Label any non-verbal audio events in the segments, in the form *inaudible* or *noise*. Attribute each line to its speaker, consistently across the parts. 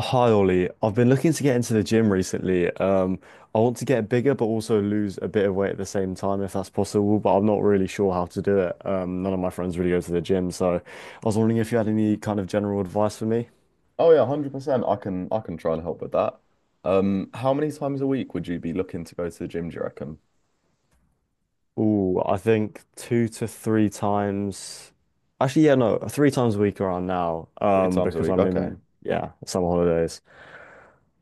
Speaker 1: Hi Ollie, I've been looking to get into the gym recently. I want to get bigger but also lose a bit of weight at the same time if that's possible, but I'm not really sure how to do it. None of my friends really go to the gym, so I was wondering if you had any kind of general advice for me.
Speaker 2: Oh yeah, 100%. I can try and help with that. How many times a week would you be looking to go to the gym, do you reckon?
Speaker 1: Ooh, I think two to three times. Actually, yeah, no, three times a week around now,
Speaker 2: Three times a
Speaker 1: because
Speaker 2: week,
Speaker 1: I'm
Speaker 2: okay.
Speaker 1: in, yeah, summer holidays.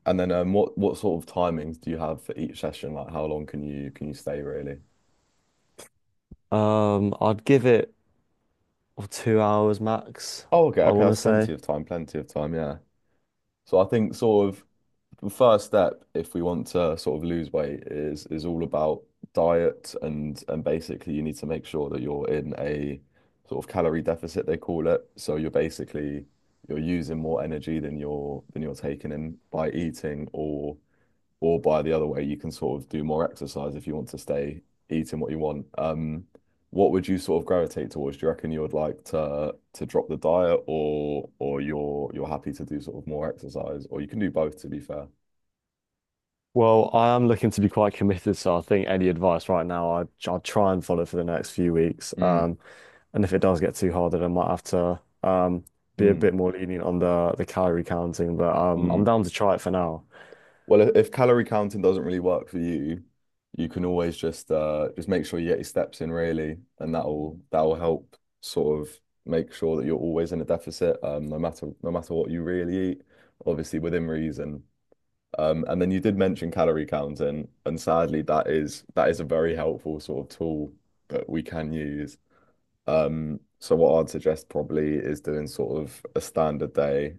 Speaker 2: And then what sort of timings do you have for each session? Like how long can you stay really?
Speaker 1: I'd give it 2 hours max,
Speaker 2: Oh, okay,
Speaker 1: I
Speaker 2: okay,
Speaker 1: want
Speaker 2: that's
Speaker 1: to say.
Speaker 2: plenty of time, yeah. So I think sort of the first step, if we want to sort of lose weight, is all about diet and basically you need to make sure that you're in a sort of calorie deficit, they call it. So you're basically you're using more energy than you're taking in by eating or by the other way, you can sort of do more exercise if you want to stay eating what you want. What would you sort of gravitate towards? Do you reckon you would like to drop the diet or you're happy to do sort of more exercise or you can do both to be fair?
Speaker 1: Well, I am looking to be quite committed, so I think any advice right now, I'll try and follow for the next few weeks.
Speaker 2: Mm,
Speaker 1: And if it does get too hard, then I might have to be a
Speaker 2: mm,
Speaker 1: bit more lenient on the calorie counting. But I'm
Speaker 2: mm.
Speaker 1: down to try it for now.
Speaker 2: Well, if calorie counting doesn't really work for you, you can always just make sure you get your steps in really, and that'll help sort of make sure that you're always in a deficit, no matter what you really eat, obviously within reason. And then you did mention calorie counting, and sadly that is a very helpful sort of tool that we can use. So what I'd suggest probably is doing sort of a standard day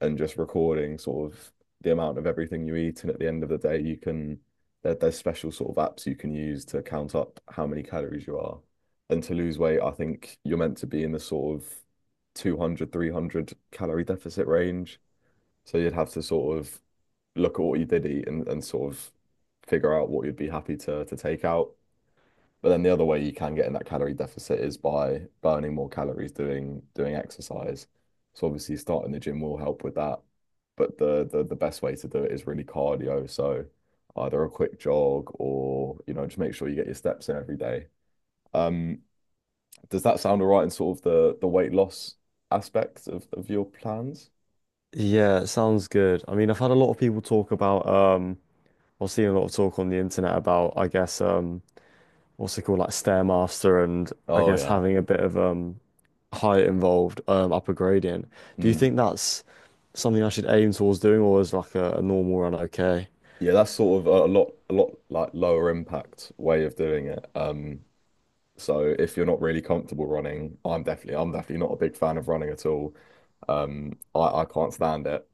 Speaker 2: and just recording sort of the amount of everything you eat. And at the end of the day, you can there's special sort of apps you can use to count up how many calories you are. And to lose weight, I think you're meant to be in the sort of 200, 300 calorie deficit range. So you'd have to sort of look at what you did eat and sort of figure out what you'd be happy to take out. But then the other way you can get in that calorie deficit is by burning more calories doing exercise. So obviously starting the gym will help with that. But the best way to do it is really cardio. So either a quick jog or, just make sure you get your steps in every day. Um, does that sound all right in sort of the weight loss aspect of your plans?
Speaker 1: Yeah, it sounds good. I mean, I've had a lot of people talk about. I've seen a lot of talk on the internet about, I guess, what's it called, like Stairmaster, and I
Speaker 2: Oh
Speaker 1: guess
Speaker 2: yeah.
Speaker 1: having a bit of height involved, upper gradient. Do you
Speaker 2: Mm.
Speaker 1: think that's something I should aim towards doing, or is like a normal run okay?
Speaker 2: Yeah, that's sort of a lot like lower impact way of doing it. So if you're not really comfortable running, I'm definitely not a big fan of running at all. I can't stand it.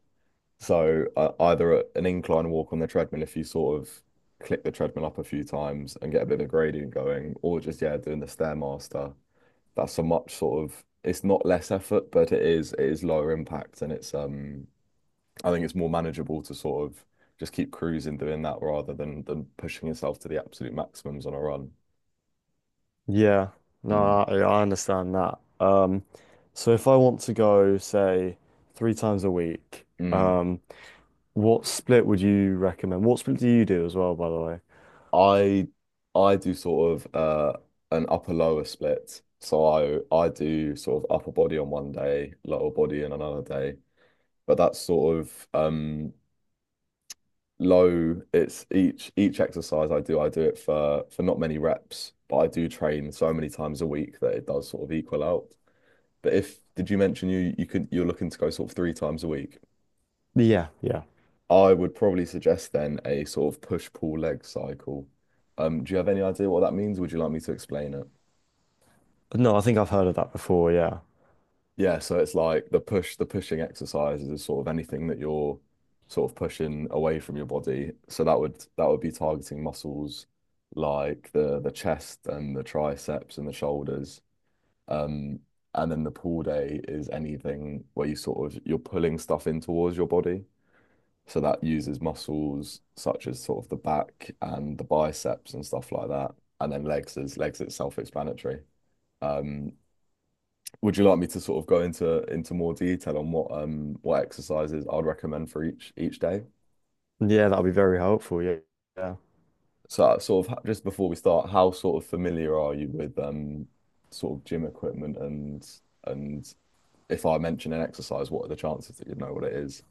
Speaker 2: So either an incline walk on the treadmill if you sort of click the treadmill up a few times and get a bit of gradient going, or just yeah, doing the Stairmaster. That's a much sort of it's not less effort, but it is lower impact and it's I think it's more manageable to sort of just keep cruising doing that rather than pushing yourself to the absolute maximums on a run.
Speaker 1: Yeah,
Speaker 2: Mm,
Speaker 1: no, I understand that. So if I want to go, say, three times a week,
Speaker 2: mm.
Speaker 1: um, what split would you recommend? What split do you do as well, by the way?
Speaker 2: I I do sort of an upper lower split. So I do sort of upper body on one day, lower body on another day. But that's sort of low. It's each exercise I do it for not many reps, but I do train so many times a week that it does sort of equal out. But if did you mention you're looking to go sort of three times a week?
Speaker 1: Yeah, yeah.
Speaker 2: I would probably suggest then a sort of push pull leg cycle. Do you have any idea what that means? Would you like me to explain it?
Speaker 1: No, I think I've heard of that before. Yeah,
Speaker 2: Yeah, so it's like the pushing exercises is sort of anything that you're sort of pushing away from your body. So that would be targeting muscles like the chest and the triceps and the shoulders. Um, and then the pull day is anything where you sort of you're pulling stuff in towards your body. So that uses muscles such as sort of the back and the biceps and stuff like that. And then legs is self-explanatory. Um, would you like me to sort of go into more detail on what exercises I'd recommend for each day?
Speaker 1: yeah, that would be very helpful. Yeah. Yeah.
Speaker 2: So sort of just before we start, how sort of familiar are you with sort of gym equipment and if I mention an exercise, what are the chances that you'd know what it is?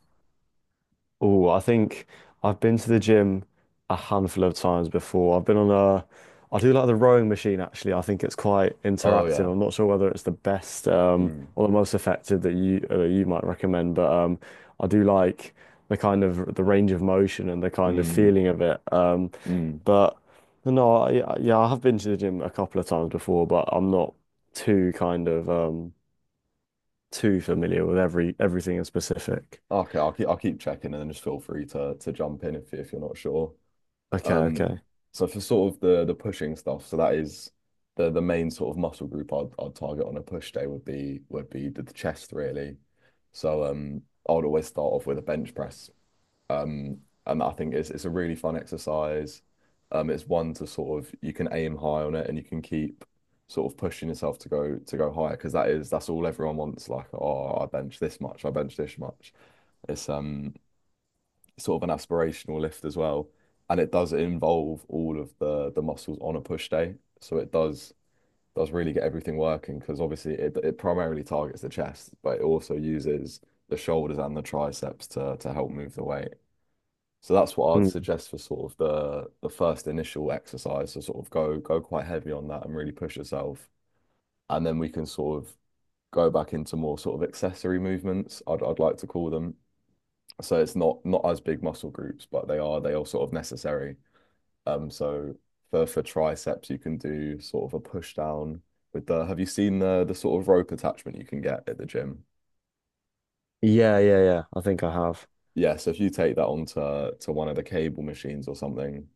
Speaker 1: Oh, I think I've been to the gym a handful of times before. I've been on a, I do like the rowing machine actually. I think it's quite
Speaker 2: Oh
Speaker 1: interactive.
Speaker 2: yeah.
Speaker 1: I'm not sure whether it's the best
Speaker 2: Mm,
Speaker 1: or the most effective that you you might recommend, but I do like the kind of the range of motion and the kind of
Speaker 2: mm,
Speaker 1: feeling of it.
Speaker 2: mm.
Speaker 1: But no, I, yeah, yeah, I have been to the gym a couple of times before, but I'm not too kind of too familiar with everything in specific.
Speaker 2: Okay, I'll keep checking and then just feel free to jump in if you're not sure.
Speaker 1: Okay,
Speaker 2: Um,
Speaker 1: okay.
Speaker 2: so for sort of the pushing stuff, so that is the main sort of muscle group I'd target on a push day would be the chest really. So I would always start off with a bench press. Um, and I think it's a really fun exercise. It's one to sort of you can aim high on it and you can keep sort of pushing yourself to go higher because that's all everyone wants. Like, oh, I bench this much, I bench this much. It's sort of an aspirational lift as well. And it does involve all of the muscles on a push day. So it does really get everything working because obviously it primarily targets the chest, but it also uses the shoulders and the triceps to help move the weight. So that's what I'd
Speaker 1: Hmm.
Speaker 2: suggest for sort of the first initial exercise to sort of go quite heavy on that and really push yourself. And then we can sort of go back into more sort of accessory movements, I'd like to call them, so it's not as big muscle groups, but they are sort of necessary. So for triceps, you can do sort of a push down with the. Have you seen the sort of rope attachment you can get at the gym?
Speaker 1: Yeah, yeah, yeah. I think I have.
Speaker 2: Yeah, so if you take that onto to one of the cable machines or something,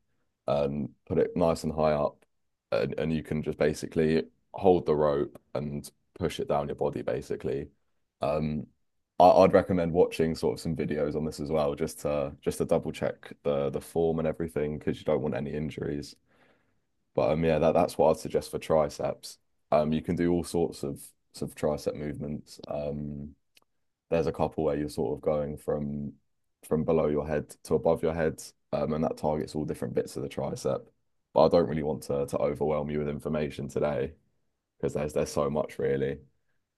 Speaker 2: and put it nice and high up, and you can just basically hold the rope and push it down your body, basically. Um, I'd recommend watching sort of some videos on this as well, just to double check the form and everything, because you don't want any injuries. But yeah, that's what I'd suggest for triceps. You can do all sorts of sort of tricep movements. There's a couple where you're sort of going from below your head to above your head, and that targets all different bits of the tricep. But I don't really want to overwhelm you with information today because there's so much really.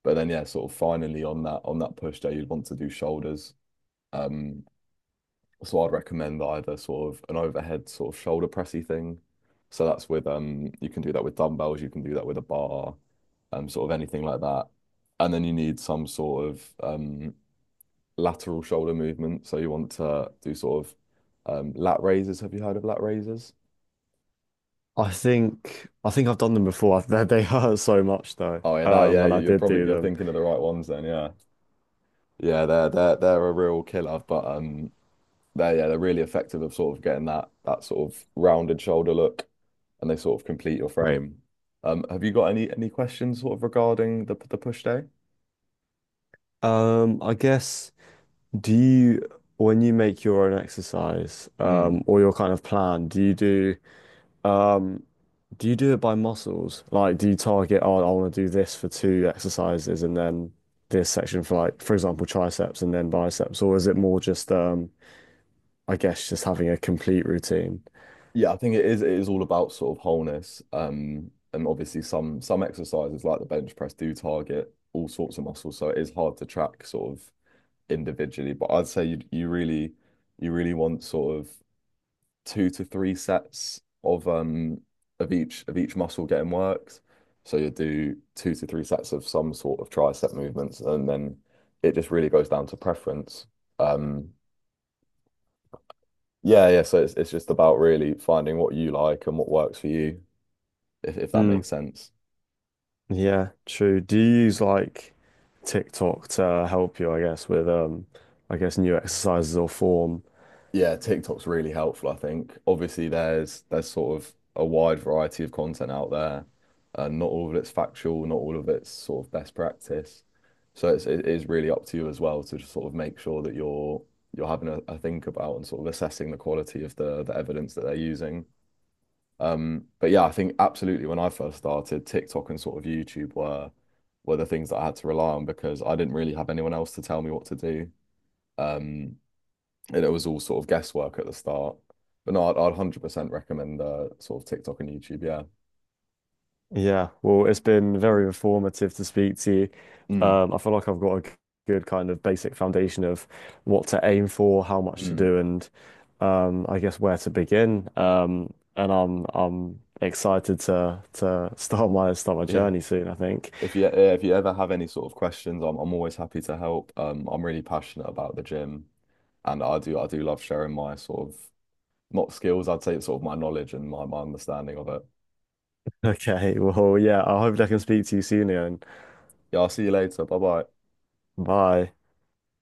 Speaker 2: But then yeah, sort of finally on that push day, you'd want to do shoulders. Um, so I'd recommend either sort of an overhead sort of shoulder pressy thing. So that's with you can do that with dumbbells, you can do that with a bar, sort of anything like that. And then you need some sort of lateral shoulder movement. So you want to do sort of lat raises. Have you heard of lat raises?
Speaker 1: I think I've done them before. *laughs* They hurt so much though.
Speaker 2: Oh yeah, that yeah.
Speaker 1: When I
Speaker 2: you- are
Speaker 1: did do
Speaker 2: probably you're
Speaker 1: them.
Speaker 2: thinking of the right ones then. Yeah, yeah. They're a real killer, but they're yeah, they're really effective of sort of getting that sort of rounded shoulder look, and they sort of complete your frame. Have you got any questions sort of regarding the push day?
Speaker 1: I guess do you when you make your own exercise,
Speaker 2: Mm.
Speaker 1: or your kind of plan, um do you do it by muscles? Like, do you target, oh, I want to do this for two exercises and then this section for like, for example, triceps and then biceps, or is it more just I guess just having a complete routine?
Speaker 2: Yeah, I think it is all about sort of wholeness. And obviously some exercises like the bench press do target all sorts of muscles, so it is hard to track sort of individually. But I'd say you really want sort of two to three sets of each muscle getting worked. So you do two to three sets of some sort of tricep movements, and then it just really goes down to preference. Um, yeah, yeah. So it's just about really finding what you like and what works for you. If that makes sense.
Speaker 1: Yeah, true. Do you use like TikTok to help you, I guess, with I guess new exercises or form?
Speaker 2: Yeah, TikTok's really helpful, I think. Obviously, there's sort of a wide variety of content out there. Not all of it's factual, not all of it's sort of best practice. So it is really up to you as well to just sort of make sure that you're having a think about and sort of assessing the quality of the evidence that they're using. But yeah, I think absolutely when I first started, TikTok and sort of YouTube were the things that I had to rely on because I didn't really have anyone else to tell me what to do. Um, and it was all sort of guesswork at the start. But no, I'd 100% recommend sort of TikTok and YouTube. Yeah.
Speaker 1: Yeah, well, it's been very informative to speak to you.
Speaker 2: Mm.
Speaker 1: I feel like I've got good kind of basic foundation of what to aim for, how much to
Speaker 2: Mm.
Speaker 1: do, and I guess where to begin. And I'm excited to *laughs* start my
Speaker 2: Yeah.
Speaker 1: journey soon, I think.
Speaker 2: If you ever have any sort of questions, I'm always happy to help. I'm really passionate about the gym, and I do love sharing my sort of not skills, I'd say it's sort of my knowledge and my understanding of it.
Speaker 1: Okay, well, yeah, I hope I can speak to you soon, Ian.
Speaker 2: Yeah, I'll see you later. Bye bye.
Speaker 1: Bye.